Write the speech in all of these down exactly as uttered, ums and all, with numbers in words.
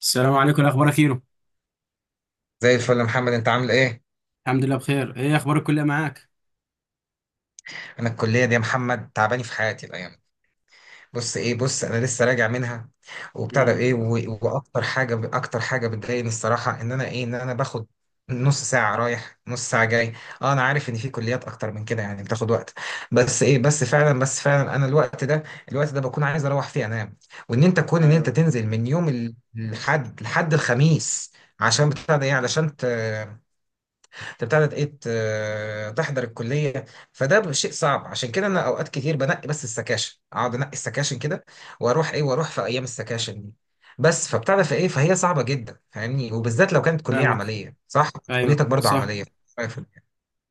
السلام عليكم، إيه اخبارك كيرو؟ زي الفل يا محمد انت عامل ايه؟ الحمد لله بخير. ايه اخبار الكليه معاك؟ انا الكليه دي يا محمد تعباني في حياتي الايام دي. بص ايه بص انا لسه راجع منها وبتاع ده امم. ايه و- واكتر حاجه اكتر حاجه بتضايقني الصراحه ان انا ايه ان انا باخد نص ساعه رايح نص ساعه جاي. اه انا عارف ان في كليات اكتر من كده يعني بتاخد وقت، بس ايه بس فعلا بس فعلا انا الوقت ده الوقت ده بكون عايز اروح فيه انام، وان انت كون ان انت ايوه. تنزل من يوم ال- الحد لحد الخميس عشان بتاع ده ايه علشان ت... انت بتاعت ايه ت- تحضر الكليه. فده شيء صعب، عشان كده انا اوقات كتير بنقي بس السكاشن، اقعد انقي السكاشن كده واروح ايه واروح في ايام السكاشن دي. بس فبتاع في ايه فهي صعبه جدا فاهمني، وبالذات لو كانت كليه فاهمك. عمليه، صح؟ ايوه كليتك برضو صح. عمليه.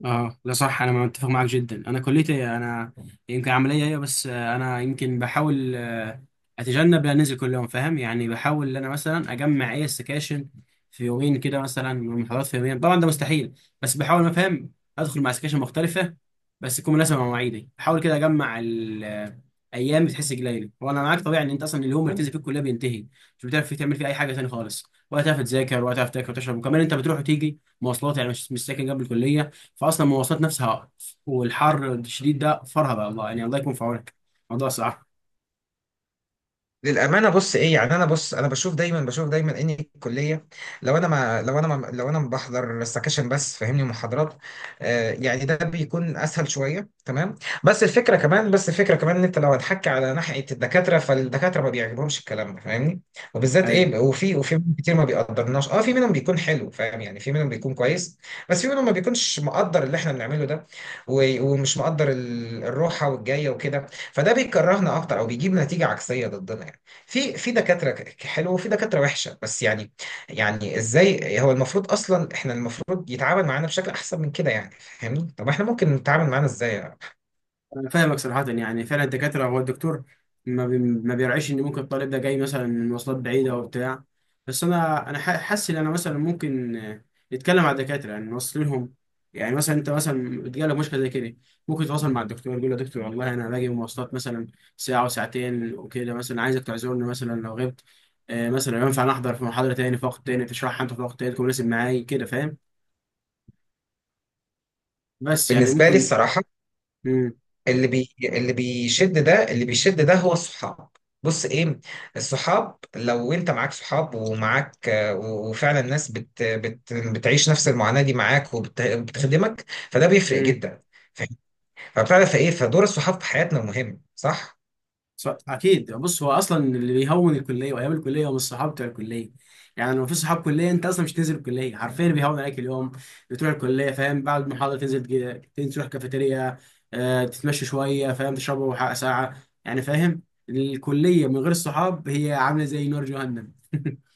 اه لا صح، انا متفق معاك جدا. انا كليتي انا يمكن عمليه هي، بس آه، انا يمكن بحاول، آه، اتجنب ان انزل كل يوم، فاهم يعني. بحاول ان انا مثلا اجمع اي سكاشن في يومين كده، مثلا محاضرات في يومين، طبعا ده مستحيل، بس بحاول. أنا فاهم ادخل مع سكاشن مختلفه، بس تكون مناسبه مع مواعيدي. بحاول كده اجمع الايام بتحس قليله. وانا معاك، طبيعي ان انت اصلا اليوم اللي بتنزل فيه الكليه بينتهي، مش بتعرف فيه تعمل فيه اي حاجه تاني خالص، ولا تعرف تذاكر، ولا تعرف تاكل وتشرب. وكمان انت بتروح وتيجي مواصلات، يعني مش مش ساكن جنب الكليه، فاصلا المواصلات نفسها والحر الشديد ده فرهضه. الله يعني، الله يكون في عونك. موضوع صعب. للامانه بص ايه يعني انا بص انا بشوف دايما بشوف دايما ان الكليه لو انا ما لو انا ما لو انا ما بحضر سكاشن بس فاهمني محاضرات، آه يعني ده بيكون اسهل شويه تمام. بس الفكره كمان بس الفكره كمان ان انت لو هتحكي على ناحيه الدكاتره فالدكاتره ما بيعجبهمش الكلام ده فاهمني. وبالذات ايوه. ايه وفي وفي منهم كتير ما بيقدرناش، اه في منهم بيكون حلو فاهم يعني، في منهم بيكون كويس، بس في منهم ما بيكونش مقدر اللي احنا بنعمله ده، و- ومش مقدر ال- الروحه والجايه وكده، فده بيكرهنا اكتر او بيجيب نتيجه عكسيه ضدنا يعني. في في دكاترة ك- حلوة وفي دكاترة وحشة بس يعني، يعني ازاي هو المفروض اصلا احنا المفروض يتعامل معانا بشكل احسن من كده يعني فاهمني. طب احنا ممكن نتعامل معانا ازاي يعني؟ أنا فاهمك صراحة. يعني فعلا الدكاترة، هو الدكتور ما, بي... ما بيرعيش إن ممكن الطالب ده جاي مثلا من مواصلات بعيدة أو بتاع. بس أنا أنا ح- حاسس إن أنا مثلا ممكن، آه، نتكلم مع الدكاترة يعني نوصل لهم. يعني مثلا أنت مثلا بتجيلك مشكلة زي كده، ممكن تتواصل مع الدكتور، يقول له يا دكتور والله أنا باجي من مواصلات مثلا ساعة وساعتين وكده، مثلا عايزك تعذرني مثلا لو غبت. آه، مثلا ينفع أنا أحضر في محاضرة تاني في وقت تاني، تشرحها أنت في وقت تاني تكون مناسب معايا كده، فاهم. بس يعني بالنسبة لي ممكن. الصراحة، مم. اللي بي اللي بيشد ده اللي بيشد ده هو الصحاب. بص ايه، الصحاب لو انت معاك صحاب ومعاك آه، و- وفعلا الناس بت بت بتعيش نفس المعاناة دي معاك وبتخدمك، فده بيفرق جدا، فاهم؟ فبتعرف ايه فدور الصحاب في حياتنا مهم، صح؟ ص- اكيد. بص هو اصلا اللي بيهون الكليه وايام الكليه هم الصحاب بتوع الكليه. يعني لو في صحاب كليه انت اصلا مش تنزل الكليه حرفيا، اللي بيهون عليك اليوم بتروح الكليه، فاهم، بعد المحاضره تنزل كده، تنزل تروح كافيتيريا، آه، تتمشى شويه فاهم، تشربوا حق ساعه يعني فاهم. الكليه من غير الصحاب هي عامله زي نار جهنم.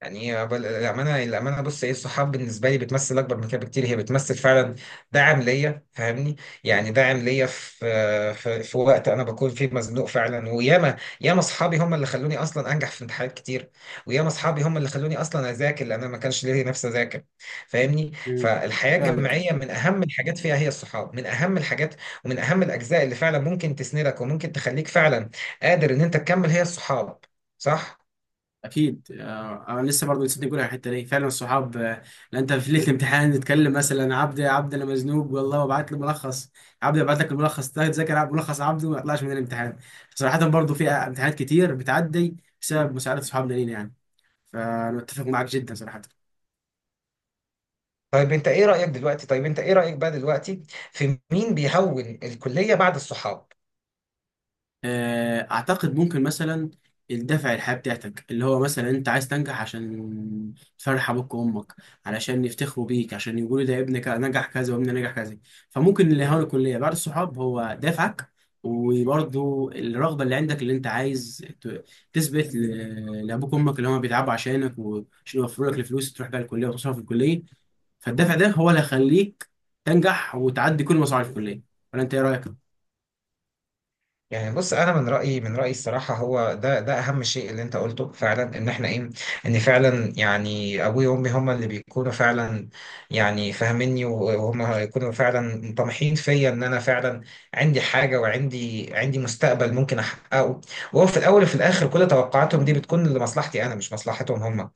يعني هي بل- الأمانة الأمانة بص إيه، الصحاب بالنسبة لي بتمثل أكبر من كده بكتير، هي بتمثل فعلا دعم ليا فاهمني. يعني دعم ليا في في, في وقت أنا بكون فيه مزنوق فعلا، وياما ياما أصحابي هم اللي خلوني أصلا أنجح في امتحانات كتير، وياما أصحابي هم اللي خلوني أصلا أذاكر لأن أنا ما كانش ليا نفسي أذاكر فاهمني. مم. فالحياة فاهمك. الجامعية من أهم الحاجات فيها هي الصحاب، من أهم الحاجات ومن أهم الأجزاء اللي فعلا ممكن تسندك وممكن تخليك فعلا قادر إن أنت تكمل هي الصحاب، صح؟ اكيد آه، انا لسه برضه نسيت نقول على الحته دي. فعلا الصحاب، آه، لأن انت في ليله الامتحان نتكلم مثلا، عبد عبد انا مزنوق والله، وابعت له ملخص، عبد ابعت لك الملخص ده، تذاكر عبد- ملخص عبد وما يطلعش من الامتحان. صراحه برضه في امتحانات كتير بتعدي بسبب مساعده صحابنا لينا يعني. فانا متفق معاك جدا صراحه. طيب انت ايه رأيك دلوقتي، طيب انت ايه رأيك بقى دلوقتي في مين بيهون الكلية بعد الصحاب؟ آه، اعتقد ممكن مثلا الدافع، الحياة بتاعتك، اللي هو مثلا انت عايز تنجح عشان تفرح ابوك وامك، علشان يفتخروا بيك، عشان يقولوا ده ابنك نجح كذا وابني نجح كذا. فممكن اللي هو الكلية بعد الصحاب هو دافعك. وبرضه الرغبة اللي عندك، اللي انت عايز ت- تثبت ل- لابوك وامك اللي هم بيتعبوا عشانك، وعشان يوفروا لك الفلوس تروح بقى الكلية وتصرف في الكلية. فالدافع ده هو اللي هيخليك تنجح وتعدي كل مصاعب الكلية. ولا انت ايه رأيك؟ يعني بص انا من رايي من رايي الصراحه هو ده ده اهم شيء اللي انت قلته فعلا ان احنا ايه، ان فعلا يعني ابوي وامي هما اللي بيكونوا فعلا، يعني فاهميني وهم يكونوا فعلا طامحين فيا ان انا فعلا عندي حاجه وعندي عندي مستقبل ممكن احققه. وهو في الاول وفي الاخر كل توقعاتهم دي بتكون لمصلحتي انا مش مصلحتهم هما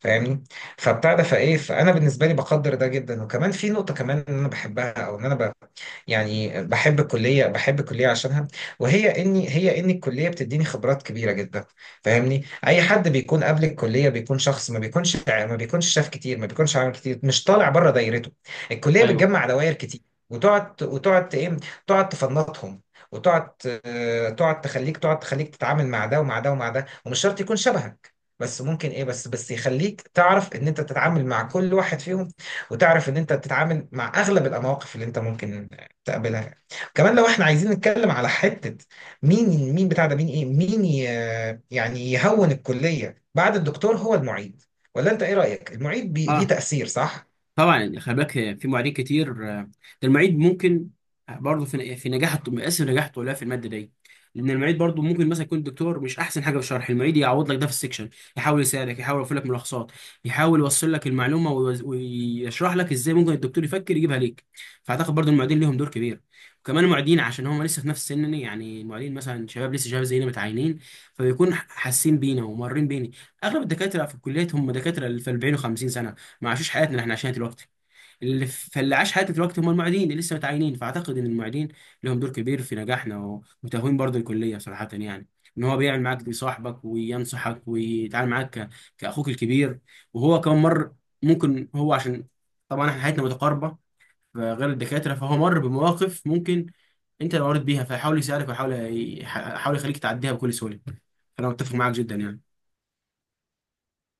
فاهمني. فبتاع ده فايه فانا بالنسبه لي بقدر ده جدا، وكمان في نقطه كمان ان انا بحبها او ان انا ب... يعني بحب الكليه، بحب الكليه عشانها، وهي اني هي ان الكليه بتديني خبرات كبيره جدا فاهمني. اي حد بيكون قبل الكليه بيكون شخص ما بيكونش ما بيكونش شاف كتير، ما بيكونش عامل كتير، مش طالع بره دايرته. الكليه ايوه. بتجمع دواير كتير، وتقعد وتقعد ايه تقعد تفنطهم، وتقعد آه، تقعد تخليك تقعد تخليك تتعامل مع ده ومع ده ومع ده، ومش شرط يكون شبهك، بس ممكن ايه بس بس يخليك تعرف ان انت تتعامل مع كل واحد فيهم، وتعرف ان انت تتعامل مع اغلب المواقف اللي انت ممكن تقابلها. كمان لو احنا عايزين نتكلم على حتة مين مين بتاع ده مين ايه مين ي- يعني يهون الكلية بعد الدكتور هو المعيد، ولا انت ايه رأيك؟ المعيد بي ليه اه تأثير، صح؟ طبعا. يعني خلي بالك، في معيدين كتير. آه، ده المعيد ممكن برضه في في نجاح الط- مقاس نجاح الطلاب في الماده دي. لان المعيد برضه ممكن مثلا يكون الدكتور مش احسن حاجه في الشرح، المعيد يعوض لك ده في السكشن، يحاول يساعدك، يحاول يوفر لك ملخصات، يحاول يوصل لك المعلومه، ويوز- ويشرح لك ازاي ممكن الدكتور يفكر يجيبها ليك. فاعتقد برضه المعيدين ليهم دور كبير. وكمان المعيدين عشان هم لسه في نفس سننا يعني، المعيدين مثلا شباب، لسه شباب زينا متعينين، فبيكون حاسين بينا ومارين بينا. اغلب الدكاتره في الكليات هم دكاتره في أربعين و50 سنه، ما عاشوش حياتنا اللي احنا عايشينها دلوقتي. اللي فاللي عاش حياته دلوقتي هم المعيدين اللي لسه متعينين. فاعتقد ان المعيدين لهم دور كبير في نجاحنا و- وتهوين برضه الكليه صراحه يعني. ان هو بيعمل معاك صاحبك وينصحك ويتعامل معاك ك- كاخوك الكبير. وهو كمان مر، ممكن هو عشان طبعا احنا حياتنا متقاربه غير الدكاتره، فهو مر بمواقف ممكن انت اللي مريت بيها، فيحاول يساعدك ويحاول ي- يحاول يخليك تعديها بكل سهوله. فانا متفق معاك جدا يعني.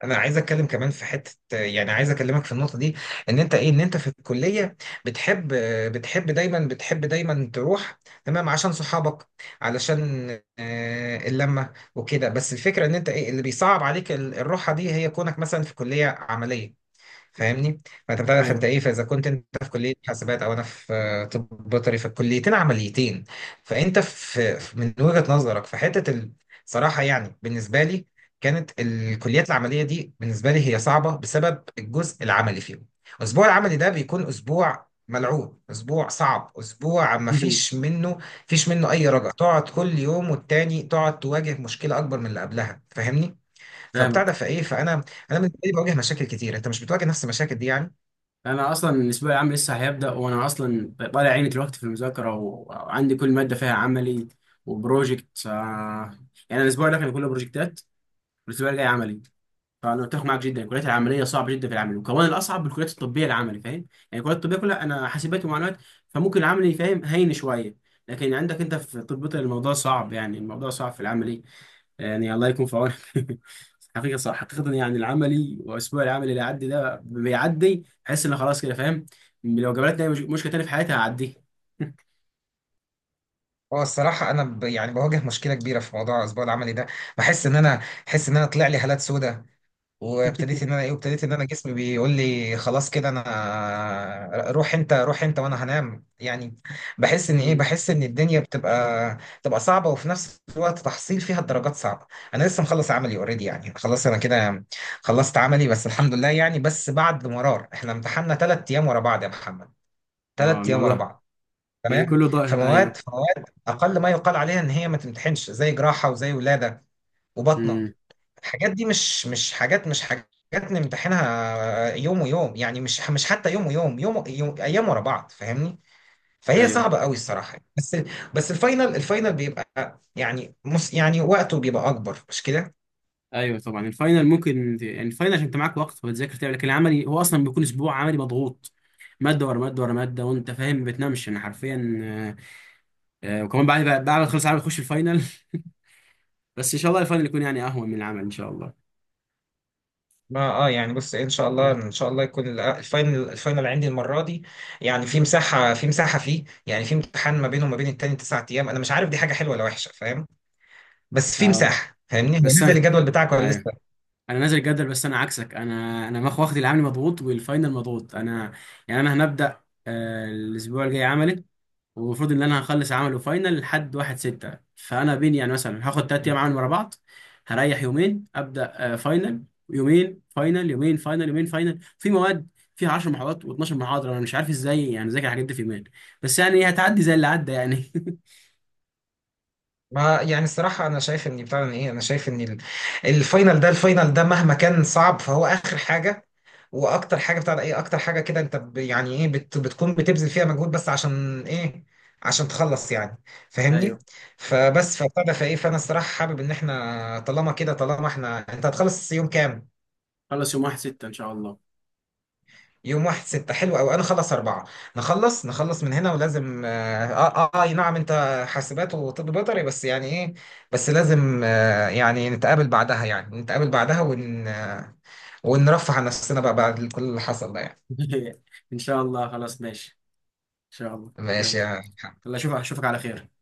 انا عايز اتكلم كمان في حتة يعني عايز اكلمك في النقطة دي، ان انت ايه ان انت في الكلية بتحب بتحب دايما بتحب دايما تروح، تمام، عشان صحابك، علشان آه، اللمة وكده. بس الفكرة ان انت ايه اللي بيصعب عليك ال- الروحة دي هي كونك مثلا في كلية عملية فاهمني. فانت بتعرف فانت ايوه. ايه، فاذا كنت انت في كليه حاسبات او انا في آه، طب بيطري فالكليتين عمليتين. فانت في في- من وجهه نظرك في حته ال- صراحه يعني، بالنسبه لي كانت الكليات العمليه دي بالنسبه لي هي صعبه بسبب الجزء العملي فيهم. الاسبوع العملي ده بيكون اسبوع ملعوب، اسبوع صعب، اسبوع ما فيش منه، فيش منه اي رجع، تقعد كل يوم والتاني تقعد تواجه مشكله اكبر من اللي قبلها فاهمني. فبتاع ده فاهمك. فايه فانا، انا بالنسبه لي بواجه مشاكل كتير، انت مش بتواجه نفس المشاكل دي يعني. انا اصلا الاسبوع العام لسه هيبدا، وانا اصلا طالع عيني دلوقتي في المذاكره، و- وعندي كل ماده فيها عملي وبروجكت. آه، يعني الاسبوع ده كان كله بروجكتات، والاسبوع الجاي عملي. فانا متفق معاك جدا، الكليات العمليه صعبه جدا في العمل، وكمان الاصعب بالكليات الطبيه العملي، فاهم يعني. الكليات الطبيه كلها، انا حاسبات ومعلومات فممكن العملي، فاهم، هين شويه. لكن عندك انت في طب بيطري الموضوع صعب، يعني الموضوع صعب في العملي، يعني الله يكون في عونك. حقيقة صح. حقيقة يعني العملي وأسبوع العمل اللي عدي ده، بيعدي بحس إن خلاص كده فاهم، لو جابلتني أي مش- مشكلة تاني في حياتي هعديه. اه الصراحه انا ب... يعني بواجه مشكله كبيره في موضوع الاسبوع العملي ده، بحس ان انا بحس ان انا طلع لي هالات سودة، وابتديت ان انا ايه وابتديت ان انا جسمي بيقول لي خلاص كده انا روح انت، روح انت وانا هنام يعني. بحس ان ايه مم. بحس ان الدنيا بتبقى بتبقى صعبه وفي نفس الوقت تحصيل فيها الدرجات صعبه. انا لسه مخلص عملي اوريدي يعني، خلاص انا كده خلصت عملي بس الحمد لله يعني، بس بعد مرار احنا امتحنا ثلاث ايام ورا بعض يا محمد، اه ثلاث ايام ورا الموضوع بعض، يعني تمام. كله ضايع. فمواد ايوه. فمواد اقل ما يقال عليها ان هي ما تمتحنش زي جراحه وزي ولاده وبطنه، امم. الحاجات دي مش مش حاجات مش حاجات نمتحنها يوم ويوم يعني، مش مش حتى يوم ويوم، يوم, يوم ايام ورا بعض فاهمني، فهي ايوه. صعبه قوي الصراحه بس. بس الفاينل الفاينل بيبقى يعني مس يعني وقته بيبقى اكبر، مش كده؟ ايوه طبعا الفاينل ممكن، يعني الفاينل عشان انت معاك وقت وتذاكر تعمل. لكن العملي هو اصلا بيكون اسبوع عملي مضغوط، ماده ورا ماده ورا ماده، وانت فاهم ما بتنامش انا حرفيا. آه، آه، وكمان بعد بعد بعد ما تخلص العمل تخش الفاينل. بس ان شاء الله الفاينل يكون يعني اهون من العمل ان شاء الله. ما اه يعني بص ان شاء الله ان شاء الله يكون ال- الفاينل الفاينل عندي المره دي يعني في مساحه في مساحه فيه يعني في امتحان ما بينه وما بين التاني تسع ايام، انا مش عارف دي حاجه حلوه ولا وحشه فاهم، بس في اه مساحه فاهمني. هو بس، نزل الجدول بتاعك ولا ايوه لسه؟ انا نازل الجدول، بس انا عكسك، انا انا ماخ واخد العملي مضغوط والفاينل مضغوط انا. يعني انا هنبدا، آه، الاسبوع الجاي عملي، والمفروض ان انا هخلص عمل وفاينل لحد واحد ستة. فانا بين يعني مثلا هاخد تلات ايام عمل ورا بعض، هريح يومين، ابدا آه، فاينل، يومين فاينل، يومين فاينل، يومين فاينل، في مواد فيها 10 محاضرات و12 محاضره، انا مش عارف ازاي يعني ذاكر الحاجات دي في يومين. بس يعني إيه، هتعدي زي اللي عدى يعني. ما يعني الصراحة أنا شايف إن بتاع إن إيه أنا شايف إن ال- الفاينل ده الفاينل ده مهما كان صعب فهو آخر حاجة، وأكتر حاجة بتاع ده إيه أكتر حاجة كده أنت ب- يعني إيه بت بتكون بتبذل فيها مجهود بس عشان إيه؟ عشان تخلص يعني فاهمني. ايوه فبس فبتاع ده فإيه فأنا الصراحة حابب إن إحنا طالما كده طالما إحنا أنت هتخلص يوم كام؟ خلص يوم واحد من ستة ان شاء الله. يوم واحد ستة، حلو أوي، أنا خلص أربعة. نخلص نخلص من هنا، ولازم آه آه, آه أي نعم أنت حاسبات وطب بيطري بس يعني إيه، بس لازم آه يعني نتقابل بعدها يعني نتقابل بعدها ون آه ونرفه عن نفسنا بقى بعد كل اللي حصل ده يعني. ان شاء الله. خلاص ماشي ان شاء الله. ماشي يلا، يا الله اشوفك، اشوفك على خير.